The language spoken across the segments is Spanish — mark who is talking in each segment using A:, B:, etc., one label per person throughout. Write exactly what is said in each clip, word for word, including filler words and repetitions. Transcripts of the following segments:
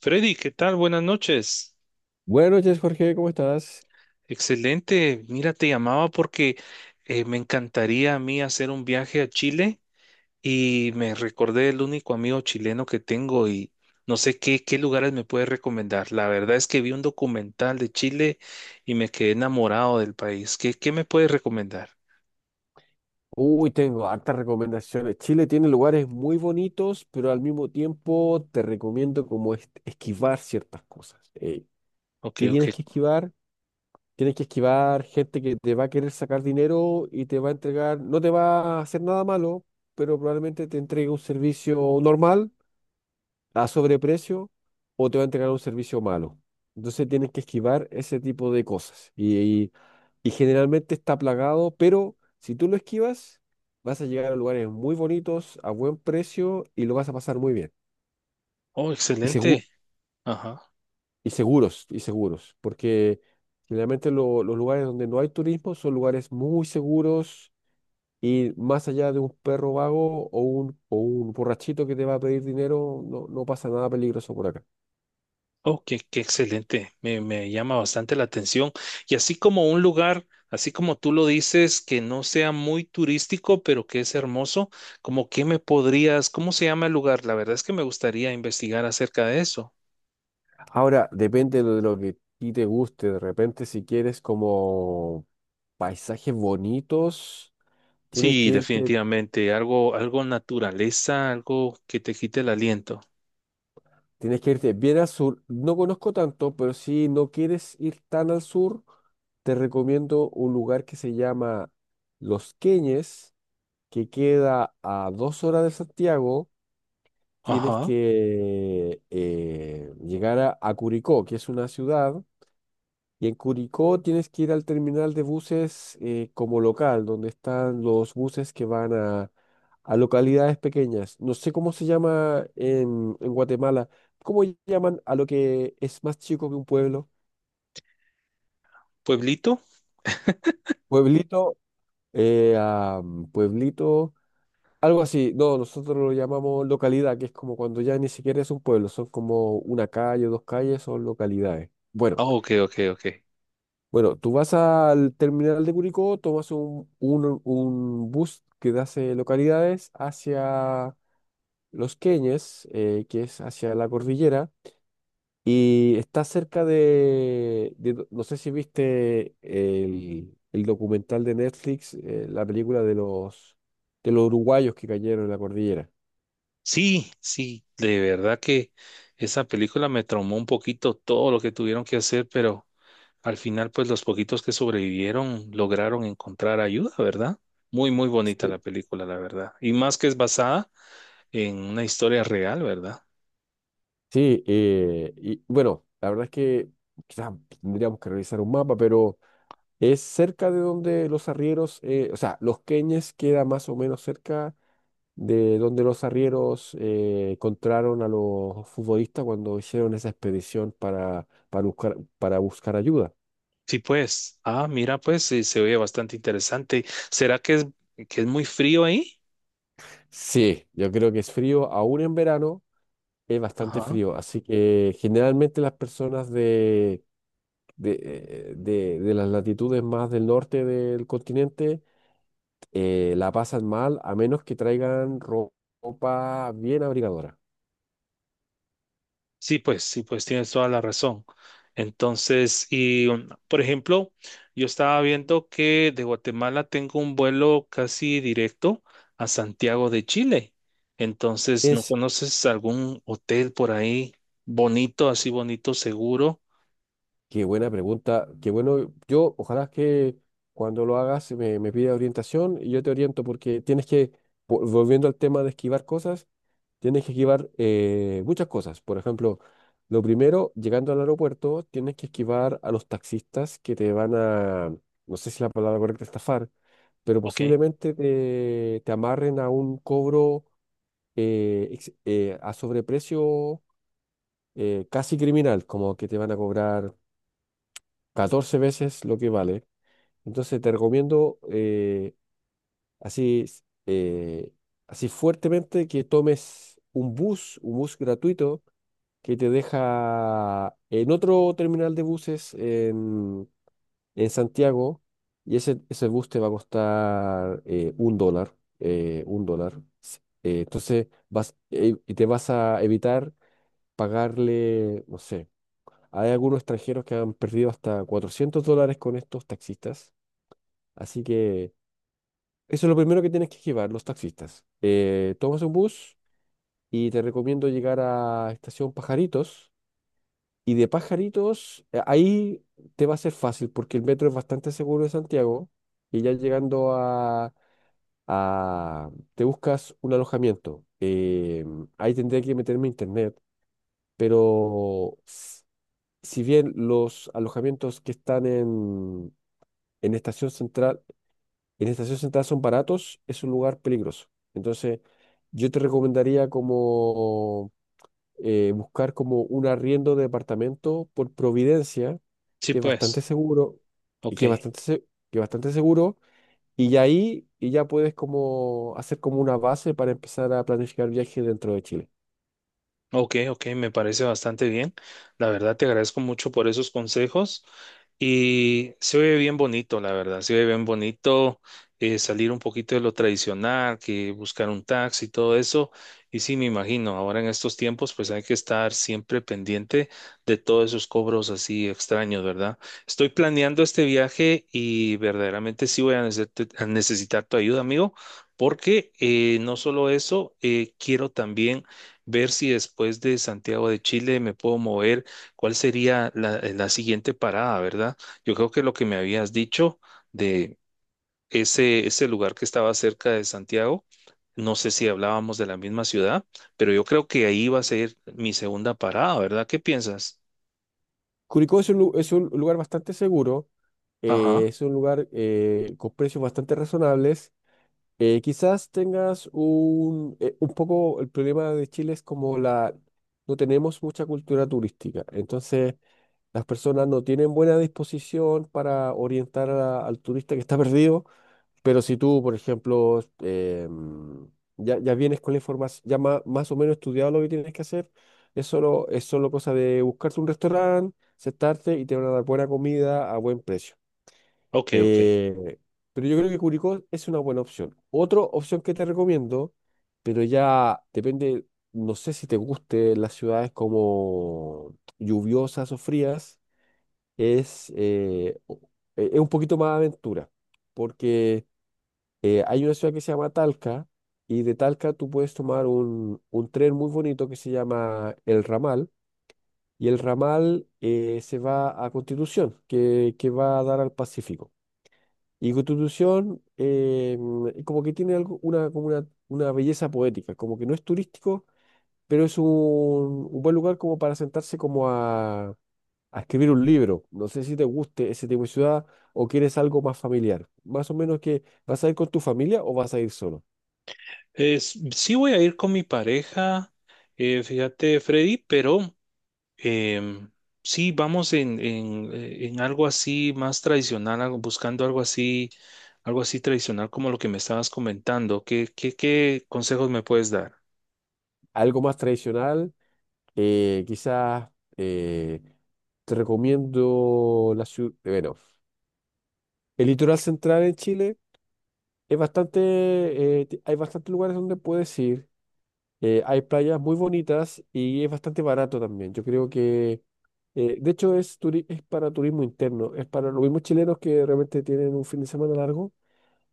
A: Freddy, ¿qué tal? Buenas noches.
B: Buenas noches, Jorge, ¿cómo estás?
A: Excelente. Mira, te llamaba porque eh, me encantaría a mí hacer un viaje a Chile y me recordé el único amigo chileno que tengo y no sé qué, qué lugares me puedes recomendar. La verdad es que vi un documental de Chile y me quedé enamorado del país. ¿Qué, qué me puedes recomendar?
B: Uy, tengo hartas recomendaciones. Chile tiene lugares muy bonitos, pero al mismo tiempo te recomiendo como es esquivar ciertas cosas. Eh,
A: Ok,
B: ¿qué
A: ok.
B: tienes que esquivar? Tienes que esquivar gente que te va a querer sacar dinero y te va a entregar, no te va a hacer nada malo, pero probablemente te entregue un servicio normal a sobreprecio o te va a entregar un servicio malo. Entonces tienes que esquivar ese tipo de cosas. Y, y- y generalmente está plagado, pero si tú lo esquivas, vas a llegar a lugares muy bonitos, a buen precio y lo vas a pasar muy bien.
A: Oh,
B: Y, segu-
A: excelente. Ajá.
B: y seguros, y seguros, porque generalmente lo- los lugares donde no hay turismo son lugares muy seguros. Y más allá de un perro vago o un, o un borrachito que te va a pedir dinero, no, no pasa nada peligroso por acá.
A: Oh, qué, qué excelente, me, me llama bastante la atención. Y así como un lugar, así como tú lo dices, que no sea muy turístico, pero que es hermoso, como que me podrías, ¿cómo se llama el lugar? La verdad es que me gustaría investigar acerca de eso.
B: Ahora, depende de lo que a ti te guste. De repente, si quieres como paisajes bonitos, tienes
A: Sí,
B: que irte,
A: definitivamente, algo, algo naturaleza, algo que te quite el aliento.
B: tienes que irte bien al sur. No conozco tanto, pero si no quieres ir tan al sur, te recomiendo un lugar que se llama Los Queñes, que queda a dos horas de Santiago. Tienes
A: Ajá,
B: que eh, llegar a, a Curicó, que es una ciudad. Y en Curicó tienes que ir al terminal de buses, eh, como local, donde están los buses que van a, a localidades pequeñas. No sé cómo se llama en, en Guatemala. ¿Cómo llaman a lo que es más chico que un pueblo?
A: pueblito.
B: Pueblito, eh, a, mm, pueblito, algo así. No, nosotros lo llamamos localidad, que es como cuando ya ni siquiera es un pueblo, son como una calle, dos calles, son localidades. Bueno,
A: Ah, ok, ok, ok.
B: Bueno, tú vas al terminal de Curicó, tomas un, un- un bus que te hace localidades hacia Los Queñes, eh, que es hacia la cordillera, y está cerca de, de do- no sé si viste el, el documental de Netflix, eh, la película de los, de los uruguayos que cayeron en la cordillera.
A: Sí, sí, de verdad que esa película me traumó un poquito todo lo que tuvieron que hacer, pero... Al final, pues los poquitos que sobrevivieron lograron encontrar ayuda, ¿verdad? Muy, muy bonita la
B: Sí,
A: película, la verdad. Y más que es basada en una historia real, ¿verdad?
B: sí, eh, y bueno, la verdad es que quizás tendríamos que revisar un mapa. Pero... Es cerca de donde los arrieros, eh, o sea, Los Queñes queda más o menos cerca de donde los arrieros eh, encontraron a los futbolistas cuando hicieron esa expedición para, para buscar, para buscar ayuda.
A: Sí, pues. Ah, mira, pues sí, se oye bastante interesante. ¿Será que es, ¿que es muy frío ahí?
B: Sí, yo creo que es frío, aún en verano es bastante
A: Ajá.
B: frío, así que generalmente las personas de, de, eh, de- de las latitudes más del norte del continente eh, la pasan mal a menos que traigan ro- ropa bien abrigadora.
A: Sí, pues, sí, pues tienes toda la razón. Entonces, y um, por ejemplo, yo estaba viendo que de Guatemala tengo un vuelo casi directo a Santiago de Chile. Entonces, ¿no
B: Es,
A: conoces algún hotel por ahí bonito, así bonito, seguro?
B: Qué buena pregunta, qué bueno, yo ojalá que cuando lo hagas me, me pida orientación y yo te oriento porque tienes que, po- volviendo al tema de esquivar cosas, tienes que esquivar, eh, muchas cosas. Por ejemplo, lo primero, llegando al aeropuerto, tienes que esquivar a los taxistas que te van a, no sé si la palabra correcta es estafar, pero
A: Ok.
B: posiblemente te, te amarren a un cobro, eh, ex- eh, a sobreprecio, eh, casi criminal, como que te van a cobrar catorce veces lo que vale. Entonces te recomiendo, eh, así, eh, así fuertemente, que tomes un bus, un bus gratuito que te deja en otro terminal de buses en, en Santiago, y ese, ese bus te va a costar eh, un dólar, eh, un dólar. S- eh, entonces vas, eh, y te vas a evitar pagarle, no sé. Hay algunos extranjeros que han perdido hasta cuatrocientos dólares con estos taxistas. Así que eso es lo primero que tienes que esquivar, los taxistas. Eh, tomas un bus y te recomiendo llegar a Estación Pajaritos. Y de Pajaritos, eh, ahí te va a ser fácil porque el metro es bastante seguro de Santiago. Y ya llegando a, a- te buscas un alojamiento. Eh, ahí tendría que meterme a internet, pero, s- si bien los alojamientos que están en, en Estación Central, en estación sentadas son baratos, es un lugar peligroso. Entonces, yo te recomendaría como, eh, buscar como un arriendo de departamento por Providencia,
A: Sí,
B: que es bastante
A: pues.
B: seguro, y
A: Ok.
B: que es bastante, se- que es bastante seguro, y ya ahí y ya puedes como hacer como una base para empezar a planificar viajes dentro de Chile.
A: Ok, ok, me parece bastante bien. La verdad te agradezco mucho por esos consejos y se oye bien bonito, la verdad, se oye bien bonito eh, salir un poquito de lo tradicional, que buscar un taxi y todo eso. Y sí, me imagino, ahora en estos tiempos pues hay que estar siempre pendiente de todos esos cobros así extraños, ¿verdad? Estoy planeando este viaje y verdaderamente sí voy a necesit- a necesitar tu ayuda, amigo, porque eh, no solo eso, eh, quiero también ver si después de Santiago de Chile me puedo mover, cuál sería la, eh, la siguiente parada, ¿verdad? Yo creo que lo que me habías dicho de ese, ese lugar que estaba cerca de Santiago, no sé si hablábamos de la misma ciudad, pero yo creo que ahí va a ser mi segunda parada, ¿verdad? ¿Qué piensas?
B: Curicó es un, lu- es un lugar bastante seguro, eh,
A: Ajá,
B: es un lugar, eh, con precios bastante razonables. Eh, quizás tengas un, eh, un poco, el problema de Chile es como la, no tenemos mucha cultura turística, entonces las personas no tienen buena disposición para orientar a- al turista que está perdido, pero si tú, por ejemplo, eh, ya, ya vienes con la información, ya ma- más o menos estudiado lo que tienes que hacer, es solo, es solo cosa de buscarte un restaurante, sentarte y te van a dar buena comida a buen precio.
A: ok, ok.
B: Eh, pero yo creo que Curicó es una buena opción. Otra opción que te recomiendo, pero ya depende, no sé si te guste las ciudades como lluviosas o frías, es, eh, o- eh, es un poquito más aventura, porque, eh, hay una ciudad que se llama Talca, y de Talca tú puedes tomar un, un tren muy bonito que se llama El Ramal, y el Ramal, eh, se va a Constitución, que, que va a dar al Pacífico. Y Constitución, eh, como que tiene algo, una, como una, una belleza poética, como que no es turístico, pero es un, un buen lugar como para sentarse como a, a escribir un libro. No sé si te guste ese tipo de ciudad o quieres algo más familiar. Más o menos que vas a ir con tu familia o vas a ir solo.
A: Es, sí voy a ir con mi pareja, eh, fíjate, Freddy, pero Em, sí, vamos en, en, eh, en algo así más tradicional, algo- buscando algo así, algo así tradicional como lo que me estabas comentando. ¿Qué, qué, qué consejos me puedes dar?
B: Algo más tradicional, eh, quizás, eh, te recomiendo la ciudad, bueno, el litoral central en Chile. Es bastante, eh, ti- Hay bastantes lugares donde puedes ir. Eh, hay playas muy bonitas y es bastante barato también. Yo creo que, eh, de hecho, es, turi- es para turismo interno, es para los mismos chilenos que realmente tienen un fin de semana largo,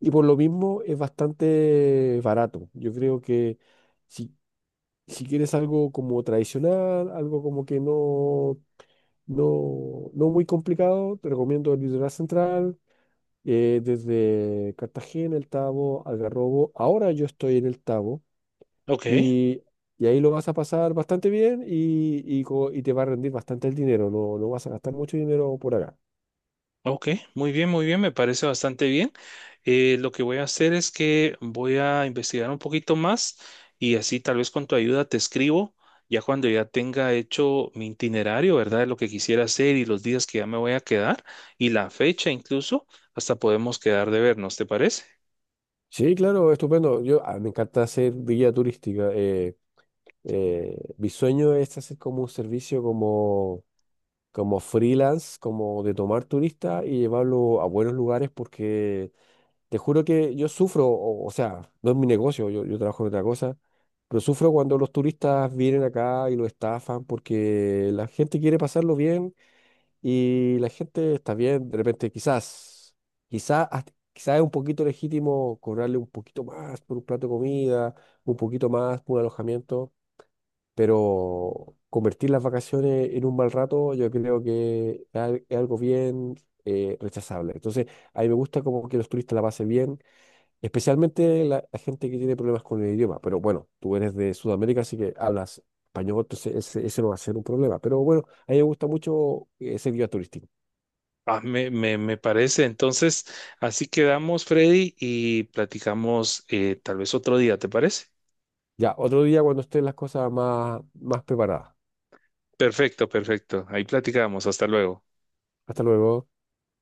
B: y por lo mismo es bastante barato. Yo creo que si, si quieres algo como tradicional, algo como que no, no, no muy complicado, te recomiendo el Litoral Central, eh, desde Cartagena, El Tabo, Algarrobo. Ahora yo estoy en El Tabo
A: Ok.
B: y, y ahí lo vas a pasar bastante bien, y, y, co- y te va a rendir bastante el dinero, no, no vas a gastar mucho dinero por acá.
A: Ok, muy bien, muy bien, me parece bastante bien. Eh, lo que voy a hacer es que voy a investigar un poquito más y así tal vez con tu ayuda te escribo ya cuando ya tenga hecho mi itinerario, ¿verdad? De lo que quisiera hacer y los días que ya me voy a quedar y la fecha incluso, hasta podemos quedar de vernos, ¿te parece?
B: Sí, claro, estupendo. Yo, ah, me encanta hacer guía turística. Eh, eh, mi sueño es hacer como un servicio como, como freelance, como de tomar turistas y llevarlo a buenos lugares, porque te juro que yo sufro, o, o sea, no es mi negocio, yo, yo trabajo en otra cosa. Pero sufro cuando los turistas vienen acá y lo estafan, porque la gente quiere pasarlo bien. Y la gente está bien, de repente quizás, quizás, quizás es un poquito legítimo cobrarle un poquito más por un plato de comida, un poquito más por un alojamiento, pero convertir las vacaciones en un mal rato yo creo que es al- es algo bien, eh, rechazable. Entonces, a mí me gusta como que los turistas la pasen bien, especialmente la, la gente que tiene problemas con el idioma, pero bueno, tú eres de Sudamérica, así que hablas español, entonces ese, ese no va a ser un problema, pero bueno, a mí me gusta mucho, eh, ser guía turístico.
A: Ah, me, me, me parece. Entonces, así quedamos, Freddy, y platicamos eh, tal vez otro día, ¿te parece?
B: Ya, otro día cuando estén las cosas más, más preparadas.
A: Perfecto, perfecto. Ahí platicamos. Hasta luego.
B: Hasta luego.